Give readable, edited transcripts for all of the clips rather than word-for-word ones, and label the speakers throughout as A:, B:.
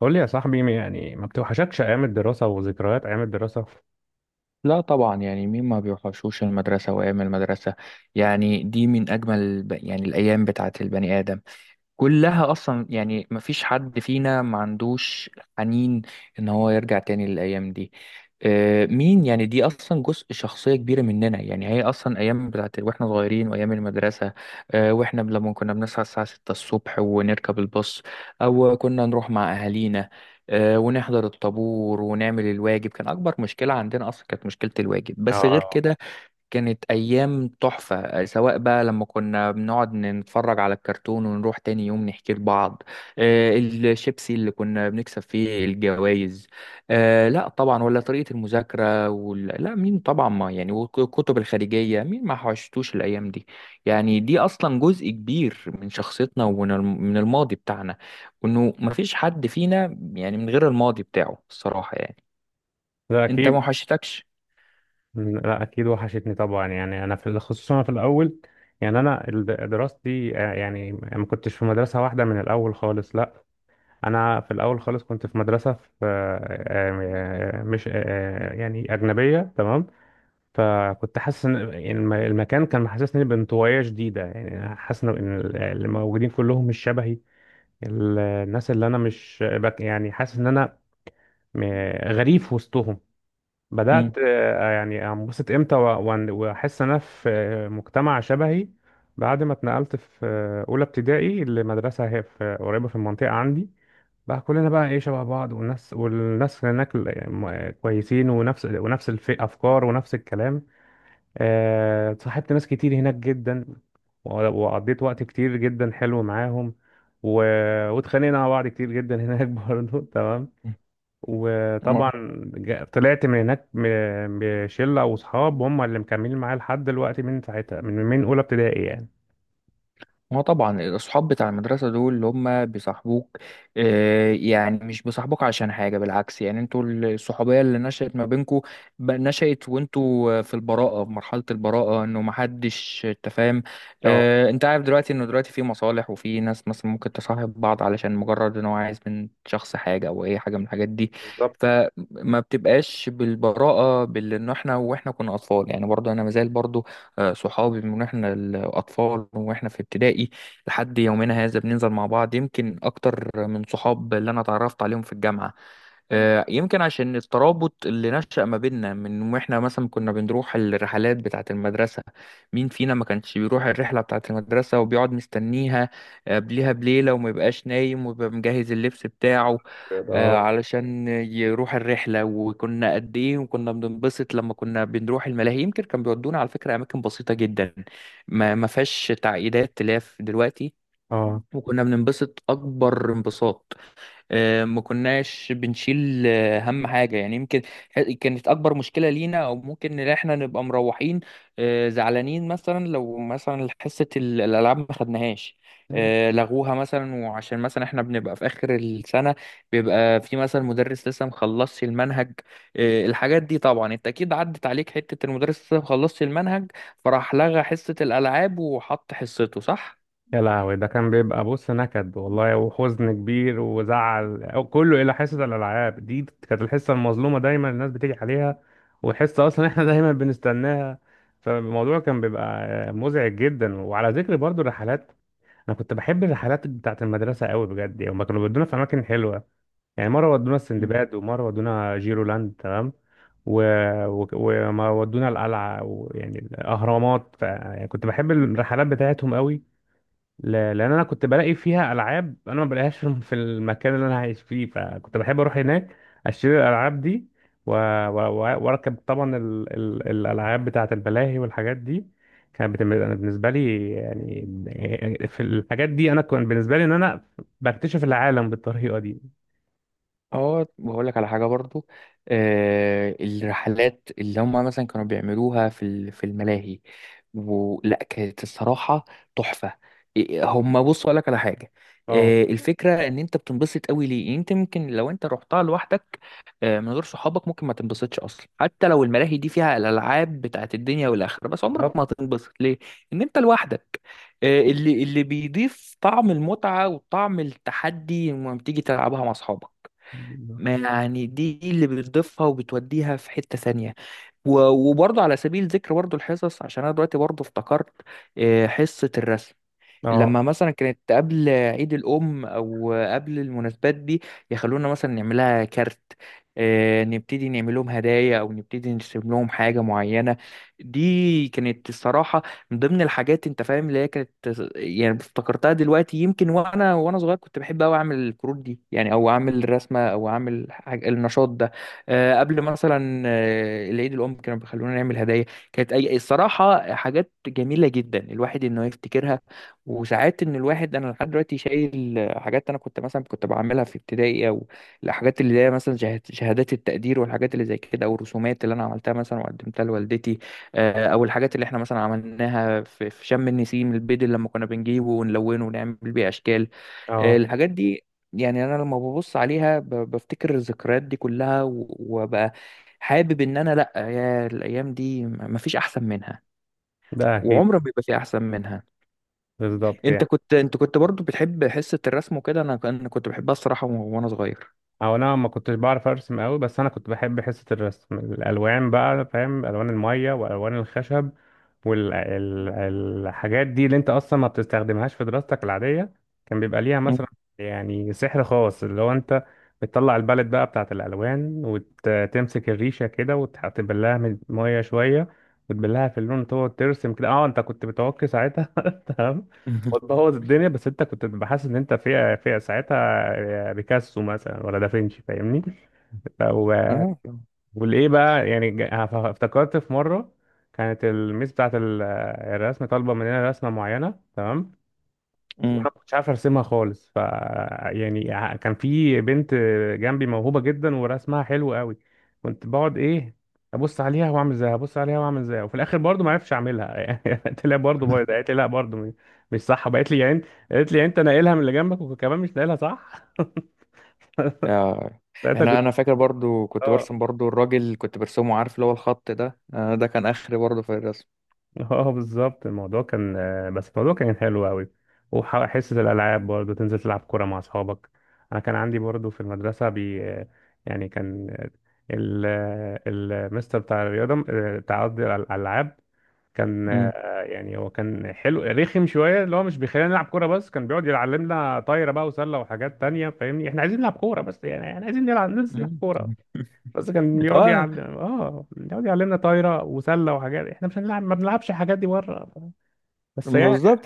A: قول لي يا صاحبي، يعني ما بتوحشكش ايام الدراسه وذكريات ايام الدراسه؟
B: لا طبعا، يعني مين ما بيوحشوش المدرسة وأيام المدرسة؟ يعني دي من أجمل يعني الأيام بتاعت البني آدم كلها، اصلا يعني مفيش حد فينا ما عندوش حنين ان هو يرجع تاني للايام دي. مين؟ يعني دي اصلا جزء شخصيه كبيره مننا، يعني هي اصلا ايام بتاعت واحنا صغيرين وايام المدرسه. واحنا لما كنا بنصحى الساعه 6 الصبح ونركب الباص، او كنا نروح مع اهالينا. ونحضر الطابور ونعمل الواجب، كان اكبر مشكله عندنا اصلا كانت مشكله الواجب، بس غير
A: اه.
B: كده كانت أيام تحفة. سواء بقى لما كنا بنقعد نتفرج على الكرتون ونروح تاني يوم نحكي لبعض، الشيبسي اللي كنا بنكسب فيه الجوائز. لا طبعا، ولا طريقة المذاكرة لا مين طبعا، ما يعني، والكتب الخارجية مين ما حوشتوش الأيام دي؟ يعني دي أصلا جزء كبير من شخصيتنا، ومن الم- من الماضي بتاعنا، وإنه مفيش حد فينا يعني من غير الماضي بتاعه الصراحة، يعني
A: لا
B: أنت
A: اكيد.
B: ما حوشتكش؟
A: لا اكيد وحشتني طبعا. يعني انا في خصوصا أنا في الاول، يعني انا دراستي، يعني ما كنتش في مدرسه واحده من الاول خالص، لا. انا في الاول خالص كنت في مدرسه في مش يعني اجنبيه، تمام. فكنت حاسس ان المكان كان محسسني بانطوائيه شديده، يعني حاسس إن اللي موجودين كلهم مش شبهي. الناس اللي انا مش بك، يعني حاسس ان انا م- غريب في وسطهم. بدأت، يعني، انبسط امتى واحس ان انا في مجتمع شبهي بعد ما اتنقلت في اولى ابتدائي لمدرسة هي في قريبة في المنطقة عندي. بقى كلنا بقى ايه شبه بعض، والناس هناك كويسين، ونفس الافكار ونفس الكلام. صاحبت ناس كتير هناك جدا، وقضيت وقت كتير جدا حلو معاهم، و... واتخانقنا مع بعض كتير جدا هناك برضه، تمام.
B: مم.
A: وطبعا طلعت من هناك بشلة وصحاب هم اللي مكملين معايا لحد دلوقتي، من ساعتها، من أولى ابتدائي يعني.
B: ما طبعا الأصحاب بتاع المدرسة دول اللي هم بيصاحبوك، يعني مش بيصاحبوك عشان حاجة، بالعكس، يعني انتوا الصحوبية اللي نشأت ما بينكوا نشأت وانتوا في البراءة، في مرحلة البراءة، انه محدش تفاهم.
A: اه.
B: اه، انت عارف دلوقتي انه دلوقتي في مصالح، وفي ناس مثلا ممكن تصاحب بعض علشان مجرد ان هو عايز من شخص حاجة او اي حاجة من الحاجات دي.
A: بالظبط.
B: فما بتبقاش بالبراءة باللي ان احنا واحنا كنا أطفال. يعني برضه انا مازال برضه، صحابي من واحنا الاطفال واحنا في ابتدائي لحد يومنا هذا بننزل مع بعض، يمكن اكتر من صحاب اللي انا اتعرفت عليهم في الجامعه. يمكن عشان الترابط اللي نشأ ما بيننا من واحنا مثلا كنا بنروح الرحلات بتاعة المدرسة. مين فينا ما كانش بيروح الرحلة بتاعة المدرسة وبيقعد مستنيها قبلها بليلة، وما يبقاش نايم، ويبقى مجهز اللبس بتاعه
A: كده. اه.
B: علشان يروح الرحلة؟ وكنا قد إيه وكنا بننبسط لما كنا بنروح الملاهي، يمكن كان بيودونا على فكرة أماكن بسيطة جدا ما فيهاش تعقيدات تلاف دلوقتي،
A: اه
B: وكنا بننبسط أكبر انبساط. ما كناش بنشيل هم حاجة، يعني يمكن كانت أكبر مشكلة لينا أو ممكن إن إحنا نبقى مروحين زعلانين مثلا، لو مثلا حصة الألعاب ما خدناهاش، لغوها مثلا، وعشان مثلا إحنا بنبقى في آخر السنة، بيبقى في مثلا مدرس لسه مخلصش المنهج. الحاجات دي طبعا أنت أكيد عدت عليك، حتة المدرس لسه مخلصش المنهج، فراح لغى حصة الألعاب وحط حصته، صح؟
A: يا لهوي، ده كان بيبقى، بص، نكد والله وحزن كبير وزعل، أو كله الى حصه الالعاب دي. كانت الحصه المظلومه دايما الناس بتيجي عليها، والحصه اصلا احنا دايما بنستناها. فالموضوع كان بيبقى مزعج جدا. وعلى ذكر برضو الرحلات، انا كنت بحب الرحلات بتاعت المدرسه قوي بجد. يعني هما كانوا بيودونا في اماكن حلوه، يعني مره ودونا السندباد ومره ودونا جيرولاند، تمام. و... و... وما ودونا القلعه ويعني الاهرامات. ف... يعني كنت بحب الرحلات بتاعتهم قوي، ل- لان انا كنت بلاقي فيها العاب انا ما بلاقيهاش في المكان اللي انا عايش فيه. فكنت بحب اروح هناك اشتري الالعاب دي و- واركب طبعا ال... ال... الالعاب بتاعه الملاهي والحاجات دي. كانت بتم... أنا بالنسبه لي، يعني في الحاجات دي، انا كان بالنسبه لي ان انا بكتشف العالم بالطريقه دي.
B: اه، بقول لك على حاجه برضو، الرحلات اللي هم مثلا كانوا بيعملوها في الملاهي، ولا كانت الصراحه تحفه. إيه، هم بص اقول لك على حاجه،
A: اه.
B: الفكره ان انت بتنبسط قوي ليه؟ يعني انت ممكن لو انت رحتها لوحدك، من غير صحابك، ممكن ما تنبسطش اصلا، حتى لو الملاهي دي فيها الالعاب بتاعت الدنيا والاخره، بس عمرك
A: بالظبط.
B: ما هتنبسط ليه ان انت لوحدك. اللي بيضيف طعم المتعه وطعم التحدي لما بتيجي تلعبها مع اصحابك، ما يعني دي اللي بتضيفها وبتوديها في حتة ثانية. و- وبرضه على سبيل ذكر برضه الحصص، عشان انا دلوقتي برضه افتكرت حصة الرسم.
A: اه.
B: لما مثلا كانت قبل عيد الأم أو قبل المناسبات دي، يخلونا مثلا نعملها كارت، نبتدي نعمل لهم هدايا أو نبتدي نرسم لهم حاجة معينة. دي كانت الصراحة من ضمن الحاجات، أنت فاهم اللي هي كانت، يعني افتكرتها دلوقتي. يمكن وأنا صغير كنت بحب أوي أعمل الكروت دي، يعني، أو أعمل الرسمة أو أعمل حاجة النشاط ده. قبل مثلا العيد الأم، كانوا بيخلونا نعمل هدايا. كانت أي الصراحة حاجات جميلة جدا الواحد إنه يفتكرها. وساعات ان الواحد، انا لحد دلوقتي شايل حاجات انا كنت مثلا كنت بعملها في ابتدائي، او الحاجات اللي هي مثلا شهادات التقدير والحاجات اللي زي كده، او الرسومات اللي انا عملتها مثلا وقدمتها لوالدتي، او الحاجات اللي احنا مثلا عملناها في شم النسيم، البيض اللي لما كنا بنجيبه ونلونه ونعمل بيه اشكال،
A: اه.
B: الحاجات دي. يعني انا لما ببص عليها بفتكر الذكريات دي كلها، وببقى حابب ان انا، لا يا الايام دي مفيش احسن منها،
A: ده اكيد.
B: وعمر ما بيبقى في احسن منها.
A: بالظبط
B: انت
A: يعني.
B: كنت انت كنت برضو بتحب حصة الرسم وكده؟ انا انا كنت بحبها الصراحة، وانا صغير.
A: او انا ما كنتش بعرف ارسم قوي، بس انا كنت بحب حصة الرسم. الالوان بقى، فاهم، الوان المية والوان الخشب، والحاجات دي اللي انت اصلا ما بتستخدمهاش في دراستك العادية، كان بيبقى ليها
B: مم.
A: مثلا يعني سحر خاص. اللي هو انت بتطلع البالت بقى بتاعت الالوان وتمسك الريشة كده وتبلها من المية شوية وتبلها في اللون وتقعد ترسم كده. اه، انت كنت بتعك ساعتها تمام. بوظ الدنيا، بس انت كنت بتبقى حاسس ان انت في ساعتها بيكاسو مثلا ولا دافنشي، فاهمني. ف- و-
B: اه.
A: والايه بقى، يعني، افتكرت في مره كانت الميس بتاعت الرسم طالبه مننا رسمه معينه، تمام. وانا
B: امم.
A: ما كنتش عارف ارسمها خالص. ف، يعني، كان في بنت جنبي موهوبه جدا ورسمها حلو قوي. كنت بقعد ايه، ابص عليها واعمل زيها، ابص عليها واعمل زيها، وفي الاخر برضو ما عرفتش اعملها قلت لها برضو بايظه، قالت لي لا برضو مش صح، بقت لي يعني. قالت لي يعني انت ناقلها من اللي جنبك وكمان مش ناقلها صح.
B: آه.
A: ساعتها
B: احنا،
A: كنت،
B: انا فاكر برضو كنت
A: اه.
B: برسم برضو الراجل كنت برسمه، عارف اللي هو الخط ده، آه ده كان اخر برضو في الرسم.
A: اه بالظبط. الموضوع كان، بس الموضوع كان حلو قوي. وحصة الألعاب برضو، تنزل تلعب كورة مع أصحابك. أنا كان عندي برضو في المدرسة بي آه، يعني كان، المستر بتاع الرياضة، آه، بتاع قصدي الألعاب. كان،
B: امم.
A: يعني، هو كان حلو رخم شوية، اللي هو مش بيخلينا نلعب كورة بس. كان بيقعد يعلمنا طايرة بقى وسلة وحاجات تانية، فاهمني احنا عايزين نلعب كورة بس. يعني احنا عايزين نلعب، ننزل نلعب
B: مم.
A: كورة. بس كان بيقعد
B: اه،
A: يعلم، اه، بيقعد يعلمنا طايره وسله وحاجات احنا مش هنلعب، ما بنلعبش الحاجات دي بره. بس يعني.
B: بالظبط.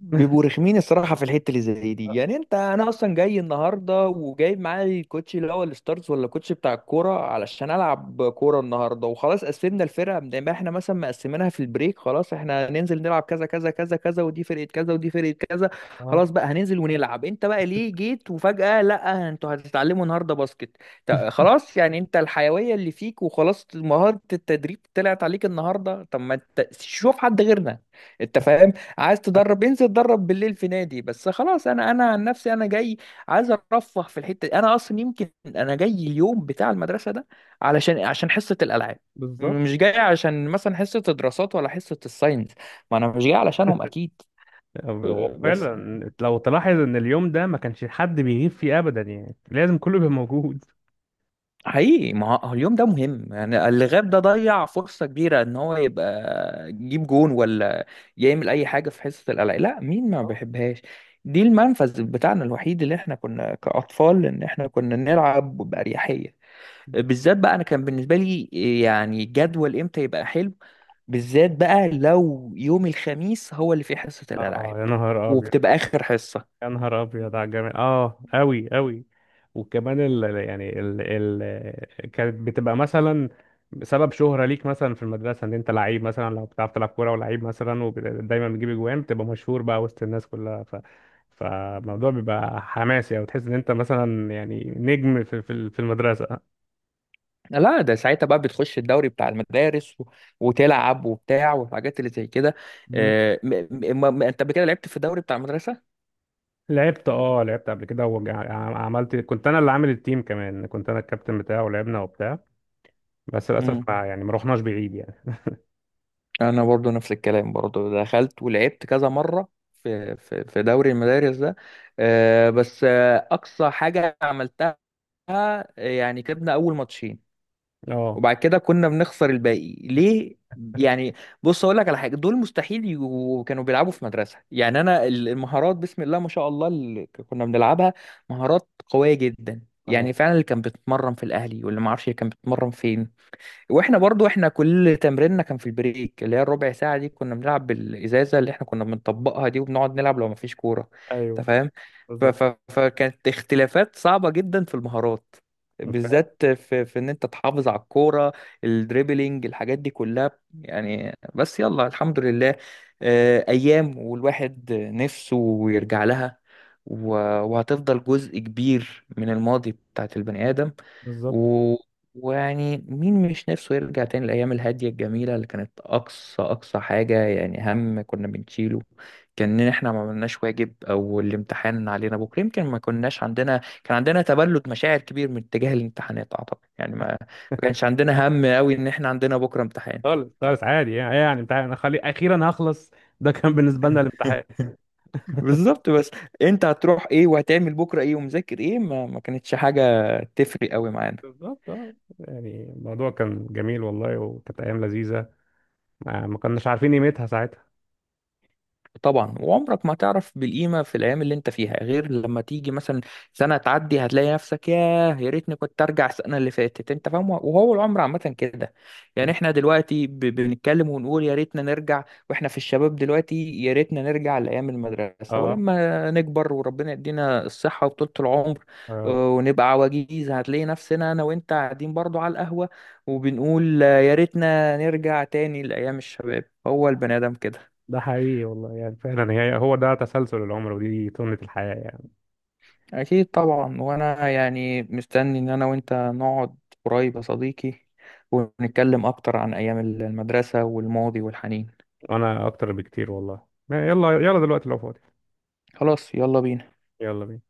B: بيبقوا رخمين الصراحه في الحته اللي زي دي، يعني انت، انا اصلا جاي النهارده وجايب معايا الكوتش اللي هو الستارز ولا الكوتش بتاع الكوره علشان العب كوره النهارده، وخلاص قسمنا الفرقه زي ما احنا مثلا مقسمينها في البريك، خلاص احنا هننزل نلعب كذا كذا كذا كذا، ودي فرقه كذا ودي فرقه كذا،
A: اه.
B: خلاص بقى هننزل ونلعب. انت بقى ليه جيت وفجاه لا انتوا هتتعلموا النهارده باسكت؟ خلاص، يعني انت الحيويه اللي فيك وخلاص، مهاره التدريب طلعت عليك النهارده؟ طب ما انت شوف حد غيرنا، انت فاهم؟ عايز تدرب انزل اتدرب بالليل في نادي، بس خلاص. انا عن نفسي انا جاي عايز ارفه في الحته دي، انا اصلا يمكن انا جاي اليوم بتاع المدرسه ده علشان عشان حصه الالعاب،
A: بالظبط.
B: مش جاي عشان مثلا حصه الدراسات ولا حصه الساينس، ما انا مش جاي علشانهم اكيد.
A: هو
B: بس
A: فعلا لو تلاحظ ان اليوم ده ما كانش حد بيغيب فيه ابدا، يعني لازم كله بيبقى موجود.
B: حقيقي، ما هو اليوم ده مهم، يعني اللي غاب ده ضيع فرصة كبيرة ان هو يبقى يجيب جون، ولا يعمل اي حاجة في حصة القلق. لا مين ما بيحبهاش؟ دي المنفذ بتاعنا الوحيد اللي احنا كنا كأطفال ان احنا كنا نلعب بأريحية، بالذات بقى انا كان بالنسبة لي. يعني جدول امتى يبقى حلو؟ بالذات بقى لو يوم الخميس هو اللي فيه حصة
A: اه
B: الألعاب
A: يا نهار ابيض.
B: وبتبقى آخر حصة.
A: يا نهار ابيض على الجمال، اه قوي قوي. وكمان ال يعني ال ال كانت بتبقى مثلا سبب شهرة ليك مثلا في المدرسة ان انت لعيب، مثلا لو بتعرف تلعب كورة ولعيب مثلا ودايما بتجيب اجوان بتبقى مشهور بقى وسط الناس كلها. ف فالموضوع بيبقى حماسي، او تحس ان انت مثلا يعني نجم في المدرسة.
B: لا ده ساعتها بقى بتخش الدوري بتاع المدارس وتلعب وبتاع والحاجات اللي زي كده.
A: مم.
B: انت قبل كده لعبت في الدوري بتاع المدرسة؟
A: لعبت. اه لعبت قبل كده وعملت، كنت انا اللي عامل التيم، كمان كنت انا الكابتن بتاعه. ولعبنا وبتاع. بس للاسف
B: امم.
A: ما يعني ما رحناش بعيد يعني.
B: انا برضو نفس الكلام، برضو دخلت ولعبت كذا مرة في في دوري المدارس ده، بس اقصى حاجة عملتها، يعني كسبنا اول ماتشين،
A: اه.
B: وبعد كده كنا بنخسر الباقي، ليه يعني؟ بص اقول لك على حاجه، دول مستحيل كانوا بيلعبوا في مدرسه. يعني انا المهارات بسم الله ما شاء الله اللي كنا بنلعبها مهارات قويه جدا.
A: اه.
B: يعني فعلا اللي كان بيتمرن في الاهلي واللي ما اعرفش كان بيتمرن فين، واحنا برضو احنا كل تمريننا كان في البريك اللي هي الربع ساعة دي، كنا بنلعب بالإزازة اللي احنا كنا بنطبقها دي، وبنقعد نلعب لو مفيش كورة، انت
A: ايوه.
B: فاهم؟ ف...
A: بالظبط.
B: ف... فكانت اختلافات صعبة جدا في المهارات،
A: بالفعل.
B: بالذات في ان انت تحافظ على الكورة، الدريبلينج، الحاجات دي كلها يعني. بس يلا الحمد لله، ايام والواحد نفسه يرجع لها، و... وهتفضل جزء كبير من الماضي بتاعت البني آدم.
A: بالظبط.
B: ويعني مين مش نفسه يرجع تاني الأيام الهادية الجميلة، اللي كانت أقصى أقصى حاجة يعني هم كنا بنشيله كان إن إحنا ما عملناش واجب، أو الامتحان علينا بكرة. يمكن ما كناش عندنا، كان عندنا تبلد مشاعر كبير من اتجاه الامتحانات أعتقد، يعني ما كانش عندنا هم أوي إن إحنا عندنا بكرة امتحان.
A: خالص خالص عادي، يعني يعني امتحان، انا خلي اخيرا هخلص. ده كان بالنسبه لنا الامتحان.
B: بالظبط، بس أنت هتروح إيه وهتعمل بكرة إيه ومذاكر إيه، ما كانتش حاجة تفرق أوي معانا.
A: بالظبط اه. يعني الموضوع كان جميل والله، وكانت ايام لذيذه، ما كناش عارفين قيمتها ساعتها.
B: طبعا، وعمرك ما تعرف بالقيمة في الأيام اللي أنت فيها غير لما تيجي مثلا سنة تعدي هتلاقي نفسك، ياه يا ريتني كنت أرجع السنة اللي فاتت. أنت فاهم؟ وهو العمر عامة كده، يعني إحنا دلوقتي بنتكلم ونقول يا ريتنا نرجع، وإحنا في الشباب دلوقتي، يا ريتنا نرجع لأيام المدرسة.
A: اه.
B: ولما نكبر وربنا يدينا الصحة وطولة العمر
A: آه،
B: ونبقى عواجيز، هتلاقي نفسنا أنا وأنت قاعدين برضو على القهوة وبنقول يا ريتنا نرجع تاني لأيام الشباب. هو البني آدم كده.
A: ده حقيقي والله. يعني فعلا فعلا، هو ده تسلسل العمر ودي سنه الحياه يعني.
B: أكيد طبعا، وأنا يعني مستني إن أنا وأنت نقعد قريب يا صديقي، ونتكلم أكتر عن أيام المدرسة والماضي والحنين.
A: وانا اكتر بكتير والله. يلا، يلا دلوقتي لو فاضي.
B: خلاص، يلا بينا.
A: يلا بينا.